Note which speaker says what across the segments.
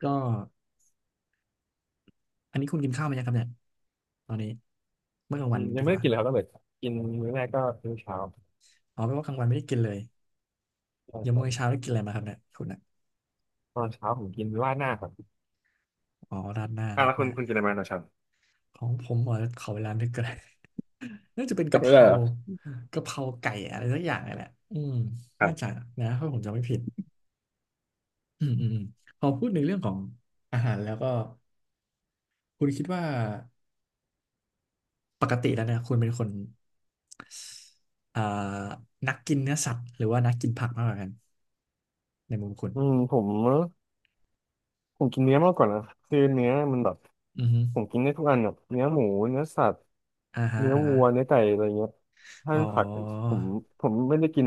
Speaker 1: ก็อันนี้คุณกินข้าวไหมยังครับเนี่ยตอนนี้เมื่อกลาง
Speaker 2: อื
Speaker 1: วัน
Speaker 2: มยั
Speaker 1: ดี
Speaker 2: งไม่
Speaker 1: ก
Speaker 2: ได้
Speaker 1: ว่า
Speaker 2: กินเลยครับตั้งแต่กินมื้อแรกก็มื้อเช้า
Speaker 1: อ๋อแปลว่ากลางวันไม่ได้กินเลย
Speaker 2: ตอน
Speaker 1: ยัง
Speaker 2: เช้า
Speaker 1: มื้อเช้าได้กินอะไรมาครับเนี่ยคุณอ่ะ
Speaker 2: ตอนเช้าผมกินราดหน้าครับ
Speaker 1: อ๋อราดหน้า
Speaker 2: อ่ะ
Speaker 1: ราด
Speaker 2: แล้ว
Speaker 1: ห
Speaker 2: คุ
Speaker 1: น้า
Speaker 2: ณคุณกินอะไรมาตอนเช้า
Speaker 1: ของผมเหรอขอเวลานึกก่อน น่าจะเป็น
Speaker 2: แต่
Speaker 1: กะเพ
Speaker 2: ไม่ได้
Speaker 1: รา
Speaker 2: เหรอ
Speaker 1: กะเพราไก่อะไรสักอย่างนี่แหละอืม
Speaker 2: ครั
Speaker 1: น่าจะ
Speaker 2: บ
Speaker 1: นะถ้าผมจำไม่ผิดอืมอืมอืมพอพูดในเรื่องของอาหารแล้วก็คุณคิดว่าปกติแล้วเนี่ยคุณเป็นคนอ่านักกินเนื้อสัตว์หรือว่านักกินผักมากกว่ากันในมุมคุณ
Speaker 2: อืมผมกินเนื้อมากกว่านะคือเนื้อมันแบบ
Speaker 1: อือฮึ
Speaker 2: ผมกินได้ทุกอันแบบเนื้อหมูเนื้อสัตว์
Speaker 1: อ่าฮะ
Speaker 2: เนื้อ
Speaker 1: อ่า
Speaker 2: วั
Speaker 1: ฮะ
Speaker 2: วเนื้อไก่อะไรเงี้ยถ้า
Speaker 1: อ๋อ
Speaker 2: เป็นผักผมผมไม่ได้กิน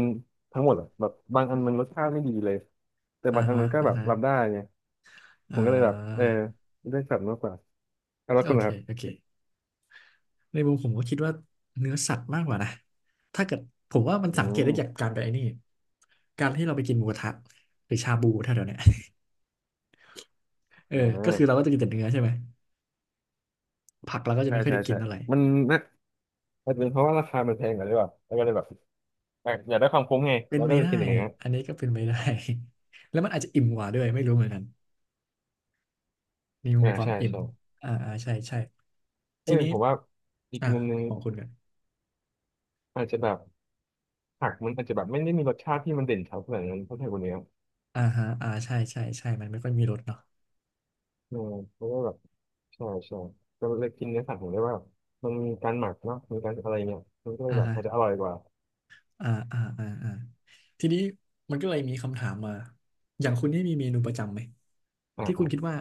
Speaker 2: ทั้งหมดหรอกแบบบางอันมันรสชาติไม่ดีเลยแต่
Speaker 1: อ่า
Speaker 2: บางอัน
Speaker 1: ฮะ
Speaker 2: มันก็
Speaker 1: อ่า
Speaker 2: แบบ
Speaker 1: ฮะ
Speaker 2: รับได้ไงผ
Speaker 1: อ่
Speaker 2: มก็เลยแบบเออ
Speaker 1: า
Speaker 2: ได้สัตว์มากกว่าอ่าแล้ว
Speaker 1: โอ
Speaker 2: คุณ
Speaker 1: เค
Speaker 2: ล่ะครั
Speaker 1: โอ
Speaker 2: บ
Speaker 1: เคในมุมผมก็คิดว่าเนื้อสัตว์มากกว่านะถ้าเกิดผมว่ามัน
Speaker 2: อื
Speaker 1: สังเกต
Speaker 2: ม
Speaker 1: ได้จากการไปไอ้นี่การที่เราไปกินหมูกระทะหรือชาบูแถวๆเนี้ย เออ
Speaker 2: อ่
Speaker 1: ก็คือเรา
Speaker 2: า
Speaker 1: ก็จะกินแต่เนื้อใช่ไหมผักเราก็จะ
Speaker 2: ใช่
Speaker 1: ไม่ค่อย
Speaker 2: ใช่
Speaker 1: ได้กิน
Speaker 2: ใช่
Speaker 1: เท่าไหร่
Speaker 2: มันนะอาจจะเป็นเพราะว่าราคามันแพงกว่าหรือเปล่าแล้วก็เลยแบบอ่ะอยากได้ความคุ้มไง
Speaker 1: เป็น
Speaker 2: เราก็
Speaker 1: ไม่
Speaker 2: เลย
Speaker 1: ได้
Speaker 2: กินอย่างเงี้ย
Speaker 1: อันนี้ก็เป็นไม่ได้ แล้วมันอาจจะอิ่มกว่าด้วยไม่รู้เหมือนกันมีมุ
Speaker 2: อ่า
Speaker 1: มความ
Speaker 2: ใช่
Speaker 1: อิ่ม
Speaker 2: ใช่
Speaker 1: อ่าอ่าใช่ใช่
Speaker 2: เอ
Speaker 1: ที
Speaker 2: อ
Speaker 1: นี้
Speaker 2: ผมว่าอีก
Speaker 1: อ่า
Speaker 2: มุมหนึง
Speaker 1: ของคุณกัน
Speaker 2: อาจจะแบบผักมันอาจจะแบบไม่ได้มีรสชาติที่มันเด่นเท่าขนาดนั้นเท่าไทยคนเนี้ย
Speaker 1: อ่าฮะอ่าใช่ใช่ใช่มันไม่ค่อยมีรสเนาะ
Speaker 2: เออเพราะว่าแบบใช่ใช่ก็เลยกินเนื้อสัตว์ผมได้ว่ามันมีการหมักเนาะมีการอะไรเงี้ยมันก็เล
Speaker 1: อ่า
Speaker 2: ยแบบ
Speaker 1: ฮะ
Speaker 2: มันจะอร่อยกว่า
Speaker 1: อ่าอ่าอ่าอ่าทีนี้มันก็เลยมีคำถามมาอย่างคุณนี่มีเมนูประจำไหม
Speaker 2: อ่า
Speaker 1: ที่
Speaker 2: ค
Speaker 1: คุ
Speaker 2: รั
Speaker 1: ณคิด
Speaker 2: บ
Speaker 1: ว่า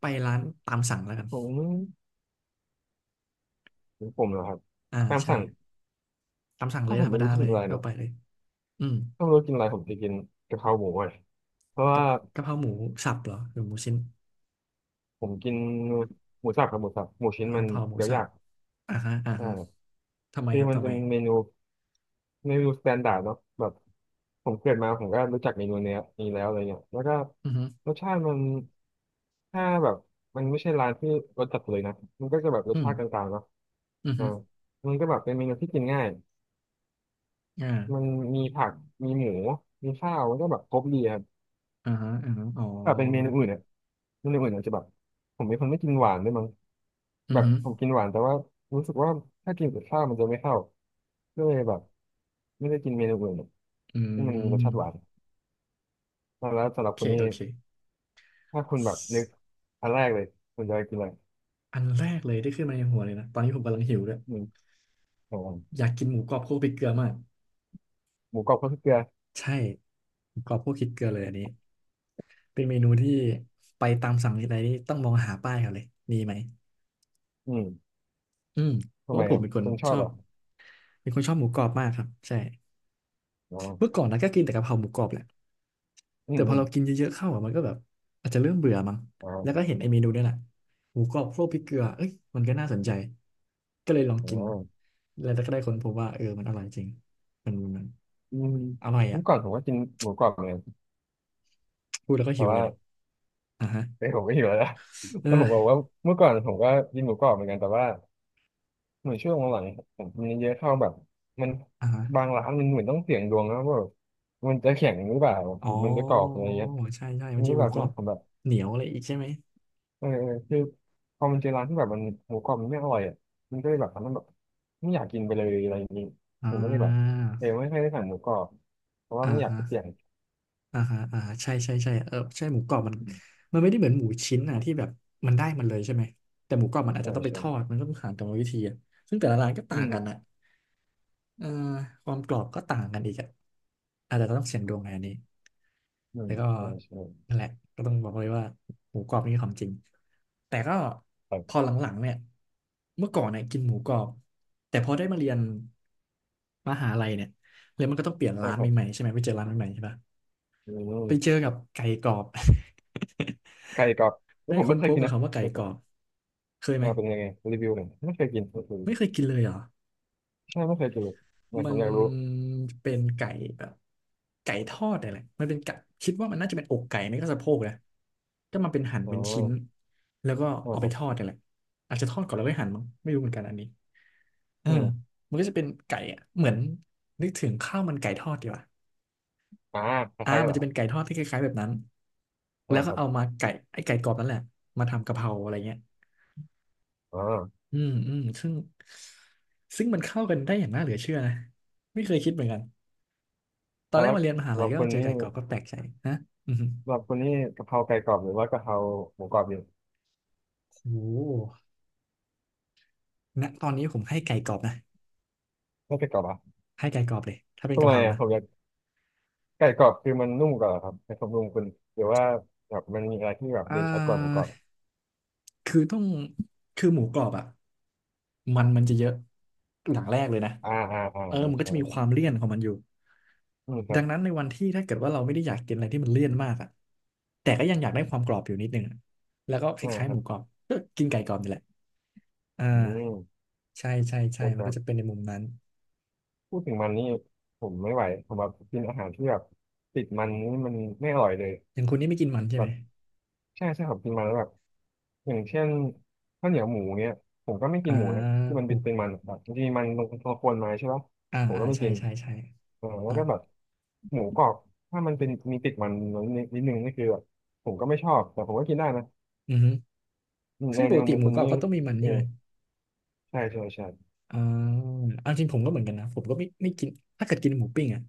Speaker 1: ไปร้านตามสั่งแล้วกัน
Speaker 2: ผมผมเหรอครับ
Speaker 1: อ่า
Speaker 2: ตาม
Speaker 1: ใช่
Speaker 2: สั่ง
Speaker 1: ตามสั่งเล
Speaker 2: ถ้า
Speaker 1: ย
Speaker 2: ผ
Speaker 1: ธ
Speaker 2: ม
Speaker 1: รร
Speaker 2: ไม่
Speaker 1: มดา
Speaker 2: รู้จะ
Speaker 1: เล
Speaker 2: กิน
Speaker 1: ย
Speaker 2: อะไร
Speaker 1: ทั่ว
Speaker 2: เนาะ
Speaker 1: ไปเลยอืม
Speaker 2: ถ้าไม่รู้กินอะไรผมจะกินกะเพราหมูเลยเพราะ
Speaker 1: กะ
Speaker 2: ว่า
Speaker 1: กะเพราหมูสับเหรอหรือหมูชิ้น
Speaker 2: ผมกินหมูสับครับหมูสับหมูชิ้น
Speaker 1: อ่า
Speaker 2: มั
Speaker 1: กะ
Speaker 2: น
Speaker 1: เพราหมู
Speaker 2: เคี้ยว
Speaker 1: สั
Speaker 2: ยา
Speaker 1: บ
Speaker 2: ก
Speaker 1: อ่าฮะอ่าฮะ
Speaker 2: อ่า
Speaker 1: ทำไม
Speaker 2: ที่
Speaker 1: ครับ
Speaker 2: มัน
Speaker 1: ทำ
Speaker 2: เป็
Speaker 1: ไม
Speaker 2: นเมนูเมนูสแตนดาร์ดเนาะแบบผมเกิดมาผมก็รู้จักเมนูเนี้ยนี้แล้วอะไรเงี้ยแล้วก็
Speaker 1: อือฮึ
Speaker 2: รสชาติมันถ้าแบบมันไม่ใช่ร้านที่รสจัดเลยนะมันก็จะแบบร
Speaker 1: อื
Speaker 2: ส
Speaker 1: ม
Speaker 2: ชาติกลางๆเนาะ
Speaker 1: อือ
Speaker 2: อ่า
Speaker 1: ฮึ
Speaker 2: มันก็แบบเป็นเมนูที่กินง่าย
Speaker 1: อ่า
Speaker 2: มันมีผักมีหมูมีข้าวมันก็แบบครบดีครับ
Speaker 1: อ่าฮะอ่าฮะอ๋อ
Speaker 2: แบบเป็นเมนูอื่นเนี่ยเมนูอื่นอาจจะแบบผมเป็นคนไม่กินหวานด้วยมั้ง
Speaker 1: อื
Speaker 2: แบ
Speaker 1: อ
Speaker 2: บ
Speaker 1: ฮึ
Speaker 2: ผมกินหวานแต่ว่ารู้สึกว่าถ้ากินกับข้าวมันจะไม่เข้าก็เลยแบบไม่ได้กินเมนูอื่น
Speaker 1: อื
Speaker 2: ที่มันมีรสชาติหวาน
Speaker 1: ม
Speaker 2: แล้วสำห
Speaker 1: โอ
Speaker 2: รับ
Speaker 1: เค
Speaker 2: คุณนี่
Speaker 1: โอเค
Speaker 2: ถ้าคุณแบบนึกอันแรกเลยคุณจะกินอะไร
Speaker 1: อันแรกเลยที่ขึ้นมาในหัวเลยนะตอนนี้ผมกำลังหิวด้วย
Speaker 2: อืมของผม
Speaker 1: อยากกินหมูกรอบคั่วพริกเกลือมาก
Speaker 2: หมูกรอบข้าวเกลือ
Speaker 1: ใช่กรอบพวกคิดเกลือเลยอันนี้เป็นเมนูที่ไปตามสั่งที่ไหนนี่ต้องมองหาป้ายเขาเลยมีไหม
Speaker 2: อืม
Speaker 1: อืมเพ
Speaker 2: ทำ
Speaker 1: ราะ
Speaker 2: ไม
Speaker 1: ว่าผม
Speaker 2: อ่ะ
Speaker 1: เป็นคน
Speaker 2: คุณช
Speaker 1: ช
Speaker 2: อบ
Speaker 1: อ
Speaker 2: เหร
Speaker 1: บ
Speaker 2: อ่ะ
Speaker 1: เป็นคนชอบหมูกรอบมากครับใช่
Speaker 2: อ๋อ
Speaker 1: เมื่อก่อนนะก็กินแต่กะเพราหมูกรอบแหละ
Speaker 2: อื
Speaker 1: แต่
Speaker 2: ม
Speaker 1: พ
Speaker 2: อื
Speaker 1: อ
Speaker 2: ม
Speaker 1: เรากินเยอะๆเข้าอะมันก็แบบอาจจะเริ่มเบื่อมั้ง
Speaker 2: อ๋อ
Speaker 1: แล้วก็เห็นไอ้เมนูเนี่ยแหละหมูกรอบโคลกพริกเกลือเอ้ยมันก็น่าสนใจก็เลยลอง
Speaker 2: อ๋อ
Speaker 1: กินแล้วก็ได้ค้นพบว่าเออมันอร่อยจริงมัน
Speaker 2: อืม
Speaker 1: อร่อยอ่ะ
Speaker 2: เมื่อก่อนผมก็กินหมูกรอบเหมือนกัน
Speaker 1: พูดแล้วก็
Speaker 2: แต่
Speaker 1: หิวเล
Speaker 2: ว่า
Speaker 1: ยเนี่ยอ่ะฮะ
Speaker 2: เอ้ยผมก็หิวแล้วนะ ผมบอก
Speaker 1: เออ
Speaker 2: ว่าเมื่อก่อนผมก็กินหมูกรอบเหมือนกันแต่ว่า เหมือนช่วงหลังๆผมมนเยอะเข้าแบบมัน
Speaker 1: อ่
Speaker 2: บาง
Speaker 1: ะ
Speaker 2: ร้านมันเหมือนต้องเสี่ยงดวงนะว่าแบบมันจะแข็งหรือเปล่า
Speaker 1: อ๋
Speaker 2: ห
Speaker 1: อ
Speaker 2: รือมันจะกรอบอะไรเงี้ย
Speaker 1: ใช่ใช่
Speaker 2: มั
Speaker 1: มัน
Speaker 2: น
Speaker 1: จะ
Speaker 2: ก็
Speaker 1: มีห
Speaker 2: แบ
Speaker 1: มู
Speaker 2: บ
Speaker 1: กรอ
Speaker 2: นี้
Speaker 1: บ
Speaker 2: ผมแบบ
Speaker 1: เหนียวอะไรอีกใช่ไหม
Speaker 2: เออเออคือพอมันเจอร้านที่แบบมันหมูกรอบมันไม่อร่อยอ่ะมันก็เลยแบบทำให้แบบไม่อยากกินไปเลยอะไรอย่างงี้
Speaker 1: อ่
Speaker 2: ผมก็เลยแบบ
Speaker 1: า
Speaker 2: เออไม่ค่อยได้สั่งหมูกรอบเพราะว่า
Speaker 1: อ่า
Speaker 2: ไม่อยาก
Speaker 1: ฮะ
Speaker 2: ไปเสี่ยง
Speaker 1: อ่าฮะอ่าใช่ใช่ใช่เออใช่หมูกรอบมัน
Speaker 2: อืม
Speaker 1: มันไม่ได้เหมือนหมูชิ้นอ่ะที่แบบมันได้มันเลยใช่ไหมแต่หมูกรอบมันอาจ
Speaker 2: ใช่
Speaker 1: จะต้องไปท
Speaker 2: ใช่
Speaker 1: อดมันก็ต้องผ่านกรรมวิธีอะซึ่งแต่ละร้านก็
Speaker 2: อื
Speaker 1: ต่าง
Speaker 2: ม
Speaker 1: กันนะ เอ่อความกรอบก็ต่างกันอีกอะอาจจะต้องเสี่ยงดวงในอันนี้
Speaker 2: อื
Speaker 1: แล้
Speaker 2: ม
Speaker 1: วก็
Speaker 2: ใช่ใช่
Speaker 1: นั่นแหละก็ต้องบอกเลยว่าหมูกรอบนี่ของจริงแต่ก็
Speaker 2: ครั
Speaker 1: พอ
Speaker 2: บ
Speaker 1: หลังๆเนี่ยเมื่อก่อนเนี่ยกินหมูกรอบแต่พอได้มาเรียนมหาลัยเนี่ยเลยมันก็ต้องเปลี่ยน
Speaker 2: ก็
Speaker 1: ร้าน
Speaker 2: ครับ
Speaker 1: ใหม่ๆใช่ไหมไปเจอร้านใหม่ๆใช่ปะ
Speaker 2: อื
Speaker 1: ไปเจอ
Speaker 2: ม
Speaker 1: กับไก่กรอบ
Speaker 2: ไก่กรอบแล้
Speaker 1: ได้
Speaker 2: วผม
Speaker 1: ค้
Speaker 2: ไม่
Speaker 1: น
Speaker 2: เค
Speaker 1: พ
Speaker 2: ย
Speaker 1: บ
Speaker 2: กิน
Speaker 1: กับ
Speaker 2: นะ
Speaker 1: คำว่าไก่
Speaker 2: ไก่
Speaker 1: ก
Speaker 2: กร
Speaker 1: ร
Speaker 2: อ
Speaker 1: อ
Speaker 2: บ
Speaker 1: บเคยไหม
Speaker 2: อ่าเป็นยังไงรีวิวหน่อยไม่เคยกิน
Speaker 1: ไม่เคยกินเลยเหรอ
Speaker 2: ใช่ไม่เคยกินเลยเนี่ย
Speaker 1: มั
Speaker 2: ผม
Speaker 1: น
Speaker 2: อยากรู้
Speaker 1: เป็นไก่แบบไก่ทอดอะไรมันเป็นไก่คิดว่ามันน่าจะเป็นอกไก่ไม่ก็สะโพกนะก็มาเป็นหั่น
Speaker 2: อ๋อ
Speaker 1: เป็นชิ้นแล้วก็
Speaker 2: อ๋อ
Speaker 1: เอา
Speaker 2: ค
Speaker 1: ไป
Speaker 2: รั
Speaker 1: ทอ
Speaker 2: บ
Speaker 1: ดอะไรอาจจะทอดก่อนแล้วค่อยหั่นมั้งไม่รู้เหมือนกันอันนี้เออ
Speaker 2: อืม
Speaker 1: มันก็จะเป็นไก่อะเหมือนนึกถึงข้าวมันไก่ทอดดีกว่า
Speaker 2: อ่าค
Speaker 1: อ่า
Speaker 2: ล้ายๆกัน
Speaker 1: มัน
Speaker 2: เหรอ
Speaker 1: จะ
Speaker 2: ครั
Speaker 1: เป็
Speaker 2: บ
Speaker 1: นไก่ทอดที่คล้ายๆแบบนั้น
Speaker 2: อ่า
Speaker 1: แล้วก็
Speaker 2: ครับ
Speaker 1: เอามาไก่ไอ้ไก่กรอบนั่นแหละมาทำกะเพราอะไรเงี้ย
Speaker 2: อ๋อ
Speaker 1: อืมอืมซึ่งซึ่งมันเข้ากันได้อย่างน่าเหลือเชื่อนะไม่เคยคิดเหมือนกัน ตอน
Speaker 2: อ่า
Speaker 1: แรก
Speaker 2: แล้ว
Speaker 1: มาเรียนมหาลั
Speaker 2: เรา
Speaker 1: ยก็
Speaker 2: คน
Speaker 1: เจอ
Speaker 2: นี้
Speaker 1: ไก่กรอบก็แปลกใจนะอือหือ
Speaker 2: เราคนนี้กะเพราไก่กรอบหรือว่ากะเพราหมูกรอบดี
Speaker 1: โอ้โหณตอนนี้ผมให้ไก่กรอบนะ
Speaker 2: ไม่ไก่กรอบอ่ะ
Speaker 1: ให้ไก่กรอบเลยถ้าเป็น
Speaker 2: ทำ
Speaker 1: กะ
Speaker 2: ไม
Speaker 1: เพรา
Speaker 2: อ่ะ
Speaker 1: นะ
Speaker 2: ผมอยากไก่กรอบคือมันนุ่มกว่าเหรอครับในความรู้คุณหรือว่าแบบมันมีอะไรที่แบบ
Speaker 1: อ่
Speaker 2: เด่นชัดกว่าหมูกร
Speaker 1: า
Speaker 2: อบ
Speaker 1: คือต้องคือหมูกรอบอ่ะมันจะเยอะอย่างแรกเลยนะเออมันก็
Speaker 2: ใช่
Speaker 1: จะมีค
Speaker 2: ใช่
Speaker 1: วามเลี่ยนของมันอยู่
Speaker 2: อืมครั
Speaker 1: ดังนั้น
Speaker 2: บ
Speaker 1: ในวันที่ถ้าเกิดว่าเราไม่ได้อยากกินอะไรที่มันเลี่ยนมากอ่ะแต่ก็ยังอยากได้ความกรอบอยู่นิดนึงอะแล้วก็ค
Speaker 2: อ่า
Speaker 1: ล้าย
Speaker 2: ค
Speaker 1: ๆห
Speaker 2: รั
Speaker 1: มู
Speaker 2: บ
Speaker 1: กรอบก็กินไก่กรอบนี่แหละอ่า
Speaker 2: อืม
Speaker 1: ใช่ใช่ใช่
Speaker 2: โอ้ค
Speaker 1: มัน
Speaker 2: รั
Speaker 1: ก็
Speaker 2: บ
Speaker 1: จะเป็นในมุมนั้น
Speaker 2: พูดถึงมันนี่ผมไม่ไหวผมแบบกินอาหารที่แบบติดมันนี่มันไม่อร่อยเลย
Speaker 1: อย่างคุณนี่ไม่กินมันใช่
Speaker 2: แบ
Speaker 1: ไหม
Speaker 2: บใช่ใช่ผมกินมาแล้วแบบ อย่างเช่นข้าวเหนียวหมูเนี้ยผมก็ไม่กิ
Speaker 1: อ่า
Speaker 2: นหมูนะที่มัน
Speaker 1: หมู
Speaker 2: เป็นมันแบบบางทีมันเรากวนมาใช่ปะ
Speaker 1: อ่า
Speaker 2: ผม
Speaker 1: อ่า
Speaker 2: ก็ไม่
Speaker 1: ใช่
Speaker 2: กิน
Speaker 1: ใช่ใช่
Speaker 2: เออแล้ว
Speaker 1: อ่ะ
Speaker 2: ก็แบบหมูกรอบถ้ามันเป็นมีติดมันนิดนึงนี่คือแบบผมก็ไม่ชอบแต่ผมก็กินได้นะ
Speaker 1: อือฮึ
Speaker 2: อืมใน
Speaker 1: ซึ่งป
Speaker 2: ใน
Speaker 1: กติ
Speaker 2: มุม
Speaker 1: หมู
Speaker 2: คุณ
Speaker 1: กรอบ
Speaker 2: นี่
Speaker 1: ก็ต้องมีมัน
Speaker 2: เออ
Speaker 1: ใช่ไหม
Speaker 2: ใช่ใช่ใช่
Speaker 1: อ่าเอาจริงผมก็เหมือนกันนะผมก็ไม่กินถ้าเกิดกินหมูปิ้งอ่ะ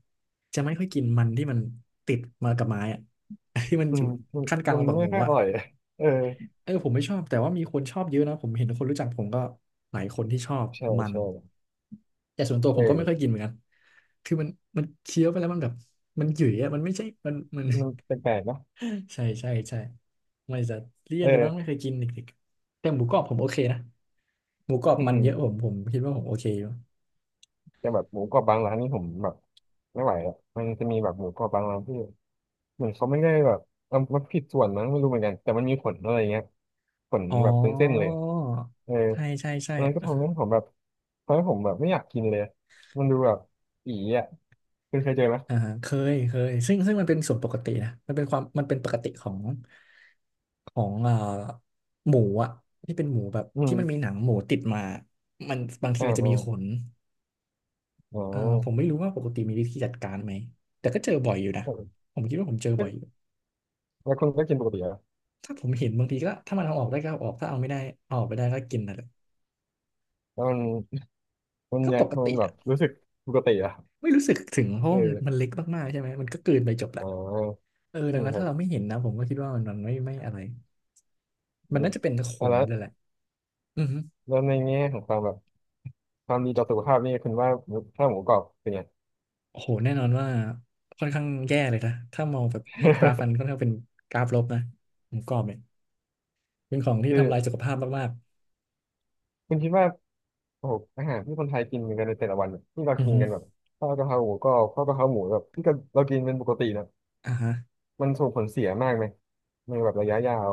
Speaker 1: จะไม่ค่อยกินมันที่มันติดมากับไม้อ่ะ ที่มัน
Speaker 2: อื
Speaker 1: อยู่
Speaker 2: มนมัน
Speaker 1: ขั้นกลาง
Speaker 2: มัน
Speaker 1: ระหว่างห
Speaker 2: ไม่
Speaker 1: มู
Speaker 2: ค่อยอ
Speaker 1: อ่ะ
Speaker 2: ร่อย เออ
Speaker 1: เออผมไม่ชอบแต่ว่ามีคนชอบเยอะนะผมเห็นคนรู้จักผมก็หลายคนที่ชอบ
Speaker 2: ใช่
Speaker 1: มัน
Speaker 2: ใช่
Speaker 1: แต่ส่วนตัวผมก็ไม่
Speaker 2: เอ
Speaker 1: ค่อย
Speaker 2: อ
Speaker 1: กินเหมือนกันคือมันเคี้ยวไปแล้วมันแบบมันหยุ่ยอะมันไม่ใช่มัน
Speaker 2: มันแปลกๆเนอะ
Speaker 1: ใช่ใช่ใช่ไม่จะเลี่ย
Speaker 2: เอ
Speaker 1: นเลยมั้งไม่
Speaker 2: อ
Speaker 1: เคยกินเด็กๆแต่หมูกรอบผมโอเคนะหมูกรอบ
Speaker 2: อื
Speaker 1: มันเย
Speaker 2: ม
Speaker 1: อะผมคิดว่าผมโอเคอยู่
Speaker 2: แต่แบบหมูกรอบบางร้านนี่ผมแบบไม่ไหวอ่ะมันจะมีแบบหมูกรอบบางร้านที่ เหมือนเขาไม่ได้แบบเอามันผิดส่วนมั้งไม่รู้เหมือนกันแต่มันมีขนอะไรเงี้ยขน
Speaker 1: อ๋อ
Speaker 2: แบบเป็นเส้นเลยเออ
Speaker 1: ใช่ใช่ใช่
Speaker 2: อันนั้นก็ทำให้ผมแบบไม่อยากกินเลยมันดูแบบอีอ่ะคุณเคยเจอไหม
Speaker 1: อ่าฮะเคยเคยซึ่งมันเป็นส่วนปกตินะมันเป็นความมันเป็นปกติของอ่าหมูอ่ะที่เป็นหมูแบบ
Speaker 2: อื
Speaker 1: ที่มันมีห
Speaker 2: ม
Speaker 1: นังหมูติดมามันบางที
Speaker 2: อ่า
Speaker 1: มันจะ
Speaker 2: อ่า
Speaker 1: มีขน
Speaker 2: อ๋อ
Speaker 1: อ่าผมไม่รู้ว่าปกติมีวิธีจัดการไหมแต่ก็เจอบ่อยอยู่นะ
Speaker 2: แล
Speaker 1: ผมคิดว่าผมเจอ
Speaker 2: ้
Speaker 1: บ่อ
Speaker 2: ว
Speaker 1: ย
Speaker 2: คุณก็กินปกติเหรอ
Speaker 1: ถ้าผมเห็นบางทีก็ถ้ามันเอาออกได้ก็เอาออกถ้าเอาไม่ได้เอาออกไปได้ก็กินนั่นแหละ
Speaker 2: แล้วมันมัน
Speaker 1: ก็
Speaker 2: อยา
Speaker 1: ป
Speaker 2: ก
Speaker 1: ก
Speaker 2: มัน
Speaker 1: ติ
Speaker 2: แบ
Speaker 1: อ่ะ
Speaker 2: บรู้สึกปกติเหรอ่ะ
Speaker 1: ไม่รู้สึกถึงเพราะมัน
Speaker 2: เออ
Speaker 1: เล็กมากๆใช่ไหมมันก็กลืนไปจบละ
Speaker 2: อ๋อ
Speaker 1: เออ
Speaker 2: อื
Speaker 1: ดัง
Speaker 2: ม
Speaker 1: นั้น
Speaker 2: ครั
Speaker 1: ถ้า
Speaker 2: บ
Speaker 1: เราไม่เห็นนะผมก็คิดว่ามันมันไม่อะไรมั
Speaker 2: อื
Speaker 1: น
Speaker 2: ม
Speaker 1: น่าจะเป็นข
Speaker 2: อ่ะ
Speaker 1: น
Speaker 2: แล้ว
Speaker 1: เลยแหละอือฮึ
Speaker 2: แล้วในแง่ของความแบบความดีต่อสุขภาพนี่คุณว่าหมูถ้าหมูกรอบเป็นไง
Speaker 1: โอ้โหแน่นอนว่าค่อนข้างแย่เลยนะถ้ามองแบบให้กราฟมันค่อนข้างเป็นกราฟลบนะหมกรอบเนี่ยเป็นของที่
Speaker 2: คือ
Speaker 1: ทำลายสุขภาพมาก
Speaker 2: คุณคิดว่า โอ้โหอาหารที่คนไทยกินกันในแต่ละวันเนี่ยที่เรา
Speaker 1: ๆอือ
Speaker 2: กิน
Speaker 1: ฮึ
Speaker 2: กันแบบข้าวกะเพราหมูก็ข้าวกะเพราหมูแบบที่เรากินเป็นปกตินะ
Speaker 1: อ่าฮะ
Speaker 2: มันส่งผลเสียมากไหมในแบบระยะยาว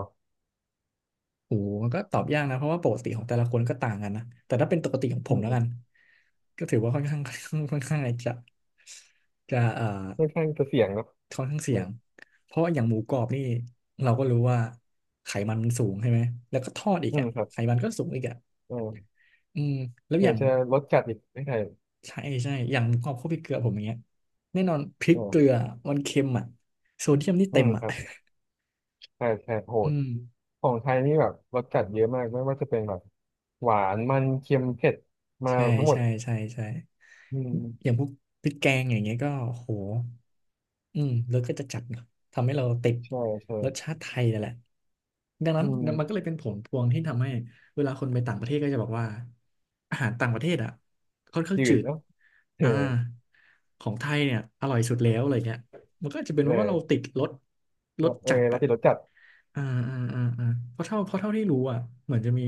Speaker 1: โอ้โหมันก็ตอบยากนะเพราะว่าปกติของแต่ละคนก็ต่างกันนะแต่ถ้าเป็นปกติของผ
Speaker 2: อื
Speaker 1: ม
Speaker 2: ม
Speaker 1: แล้ว
Speaker 2: อื
Speaker 1: กั
Speaker 2: ม
Speaker 1: นก็ถือว่าค่อนข้าง ค่อนข้างจะจะ
Speaker 2: ค่อนข้างจะเสี่ยงเนอะ
Speaker 1: ค่อนข้าง
Speaker 2: อื
Speaker 1: เสี่ย
Speaker 2: ม
Speaker 1: งเพราะว่าอย่างหมูกรอบนี่เราก็รู้ว่าไขมันมันสูงใช่ไหมแล้วก็ทอดอีก
Speaker 2: อืม
Speaker 1: อ่ะ
Speaker 2: ครับ
Speaker 1: ไขมันก็สูงอีกอ่ะ
Speaker 2: อืม
Speaker 1: อืมแล้ว
Speaker 2: ไหน
Speaker 1: อย่าง
Speaker 2: จะรสจัดอีกไม่ใช่
Speaker 1: ใช่ใช่อย่างหมูกรอบข้าวพริกเกลือผมอย่างเงี้ยแน่นอนพริก
Speaker 2: อื
Speaker 1: เกลือ
Speaker 2: ม
Speaker 1: มันเค็มอ่ะโซเดียมนี่
Speaker 2: อื
Speaker 1: เต็
Speaker 2: ม
Speaker 1: มอ่ะ
Speaker 2: ครับใช่ใช่โห
Speaker 1: อื
Speaker 2: ด
Speaker 1: ม
Speaker 2: ของไทยนี่แบบรสจัดเยอะมากไม่ว่าจะเป็นแบบหวานมันเค็มเผ็ดมา
Speaker 1: ใช่
Speaker 2: ทั้งหมด
Speaker 1: ใช่ใช่ใช่
Speaker 2: อื
Speaker 1: อ
Speaker 2: ม
Speaker 1: ย่างพวกพริกแกงอย่างเงี้ยก็โหอืมรสก็จะจัดเนอะทำให้เราติด
Speaker 2: ใช่ใช่
Speaker 1: รสชาติไทยนั่นแหละดังนั้
Speaker 2: อื
Speaker 1: น
Speaker 2: ม
Speaker 1: มันก็เลยเป็นผลพวงที่ทำให้เวลาคนไปต่างประเทศก็จะบอกว่าอาหารต่างประเทศอ่ะค่อนข้าง
Speaker 2: จื
Speaker 1: จื
Speaker 2: ด
Speaker 1: ด
Speaker 2: เนาะเอ
Speaker 1: อ่า
Speaker 2: อ
Speaker 1: ของไทยเนี่ยอร่อยสุดแล้วอะไรเงี้ยมันก็อาจจะเป็นเพราะว่าเรา
Speaker 2: เออ
Speaker 1: ติดรสรส
Speaker 2: เออ
Speaker 1: จัด
Speaker 2: เรา
Speaker 1: อ่ะ
Speaker 2: ติดรสจัด
Speaker 1: อ่าอ่าอ่าอ่าเพราะเท่าที่รู้อ่ะเหมือนจะมี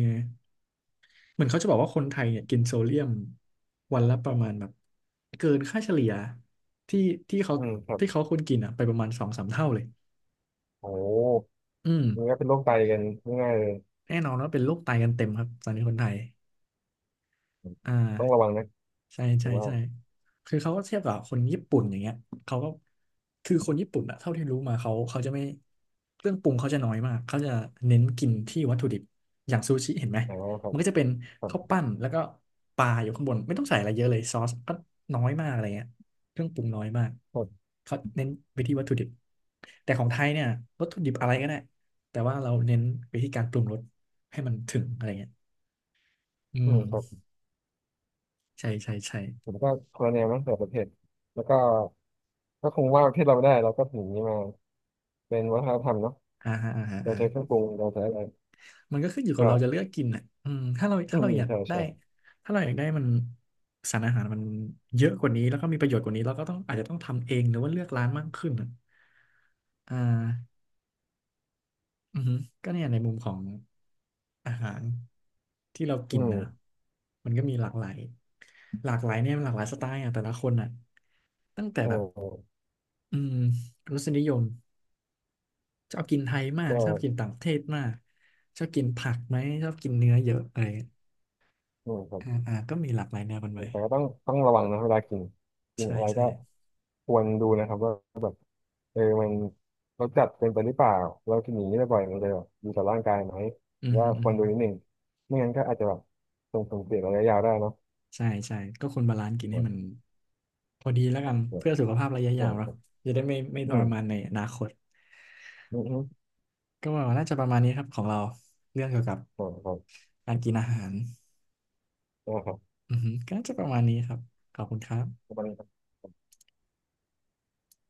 Speaker 1: เหมือนเขาจะบอกว่าคนไทยเนี่ยกินโซเดียมวันละประมาณแบบเกินค่าเฉลี่ยที่ที่เขา
Speaker 2: อืมครับ
Speaker 1: ที่เขาควรกินอ่ะไปประมาณสองสามเท่าเลย
Speaker 2: โอ้
Speaker 1: อืม
Speaker 2: มันก็เป็นโรคไตกันง่ายๆเลย
Speaker 1: แน่นอนว่าเป็นโรคไตกันเต็มครับตอนนี้คนไทย อ่า
Speaker 2: ต้องระวังนะ
Speaker 1: ใช่
Speaker 2: ผ
Speaker 1: ใช่
Speaker 2: มว่า
Speaker 1: ใช่คือเขาก็เทียบกับคนญี่ปุ่นอย่างเงี้ยเขาก็คือคนญี่ปุ่นอะเท่าที่รู้มาเขาจะไม่เครื่องปรุงเขาจะน้อยมากเขาจะเน้นกินที่วัตถุดิบอย่างซูชิเห็นไหม
Speaker 2: อ๋อครั
Speaker 1: มั
Speaker 2: บ
Speaker 1: นก็จะเป็น
Speaker 2: ครั
Speaker 1: ข้าว
Speaker 2: บ
Speaker 1: ปั้นแล้วก็ปลาอยู่ข้างบนไม่ต้องใส่อะไรเยอะเลยซอสก็น้อยมากอะไรเงี้ยเครื่องปรุงน้อยมาก
Speaker 2: ครับ
Speaker 1: เขาเน้นไปที่วัตถุดิบแต่ของไทยเนี่ยวัตถุดิบอะไรก็ได้แต่ว่าเราเน้นไปที่การปรุงรสให้มันถึงอะไรเงี้ยอื
Speaker 2: อื
Speaker 1: ม
Speaker 2: มครับ
Speaker 1: ใช่ใช่ใช่
Speaker 2: ผมก็คนละแนวมั้งแต่ประเทศแล้วก็ก็คงว่าประเทศเราไม่ได้เราก็ถึงนี้มาเป็นวัฒนธรรมเนาะ
Speaker 1: อ่าฮะอ่าฮะ
Speaker 2: เรา
Speaker 1: อ่า
Speaker 2: ใช้เครื่องปรุงเราใช้อะไร
Speaker 1: มันก็ขึ้นอยู่กับ
Speaker 2: ก็
Speaker 1: เราจะเลือกกินอ่ะอืมถ้าเรา
Speaker 2: อื
Speaker 1: ถ้าเรา
Speaker 2: ม
Speaker 1: อยาก
Speaker 2: ใช่
Speaker 1: ได้
Speaker 2: ใช่
Speaker 1: ถ้าเราอยากได้มันสารอาหารมันเยอะกว่านี้แล้วก็มีประโยชน์กว่านี้เราก็ต้องอาจจะต้องทำเองหรือว่าเลือกร้านมากขึ้นอะอ่าอือฮึก็เนี่ยในมุมของอาหารที่เรากิ
Speaker 2: อื
Speaker 1: นนะ
Speaker 2: ม
Speaker 1: มันก็มีหลากหลายหลากหลายเนี่ยมันหลากหลายสไตล์อ่ะแต่ละคนอ่ะตั้งแต่
Speaker 2: ใช่
Speaker 1: แบบอืมรสนิยมชอบกินไทยมาก
Speaker 2: ก็
Speaker 1: ชอบกินต่างประเทศมากชอบกินผักไหมชอบกินเนื้อเยอะอะไร
Speaker 2: อืมครับ
Speaker 1: อ่าอ่าก็มีหลากหลายแนวกันไป
Speaker 2: แต่ก็ต้องระวังนะเวลากินกิน
Speaker 1: ใช่
Speaker 2: อะไร
Speaker 1: ใช่
Speaker 2: ก็ควรดูนะครับว่าแบบ เออมันเราจัดเป็นไปหรือวปล่าเราจะหนีได้บ่อยมันเลยแีต่อร่างกายไหม
Speaker 1: อือ
Speaker 2: ว่า
Speaker 1: ฮึอื
Speaker 2: ค
Speaker 1: อ
Speaker 2: วร
Speaker 1: ฮึ
Speaker 2: ดูนิดหนึ่งไม่งั้นก็อาจจะแบบส่งผลเสียระยะยาวได้นะ
Speaker 1: ใช่ใช่ก็ควรบาลานซ์กินให้มัน
Speaker 2: อื
Speaker 1: พอดีแล้วกันเพื่อสุขภาพระยะยาวเนาะ
Speaker 2: อ
Speaker 1: จะได้ไม่ท
Speaker 2: อื
Speaker 1: รมานในอนาคต
Speaker 2: ออืมอืม
Speaker 1: ก็าน่าจะประมาณนี้ครับของเราเรื่องเกี่ยวกับ
Speaker 2: อืออื
Speaker 1: การกินอาหาร
Speaker 2: อ
Speaker 1: อือฮึก็น่าจะประมาณนี้ครับขอบคุณครับ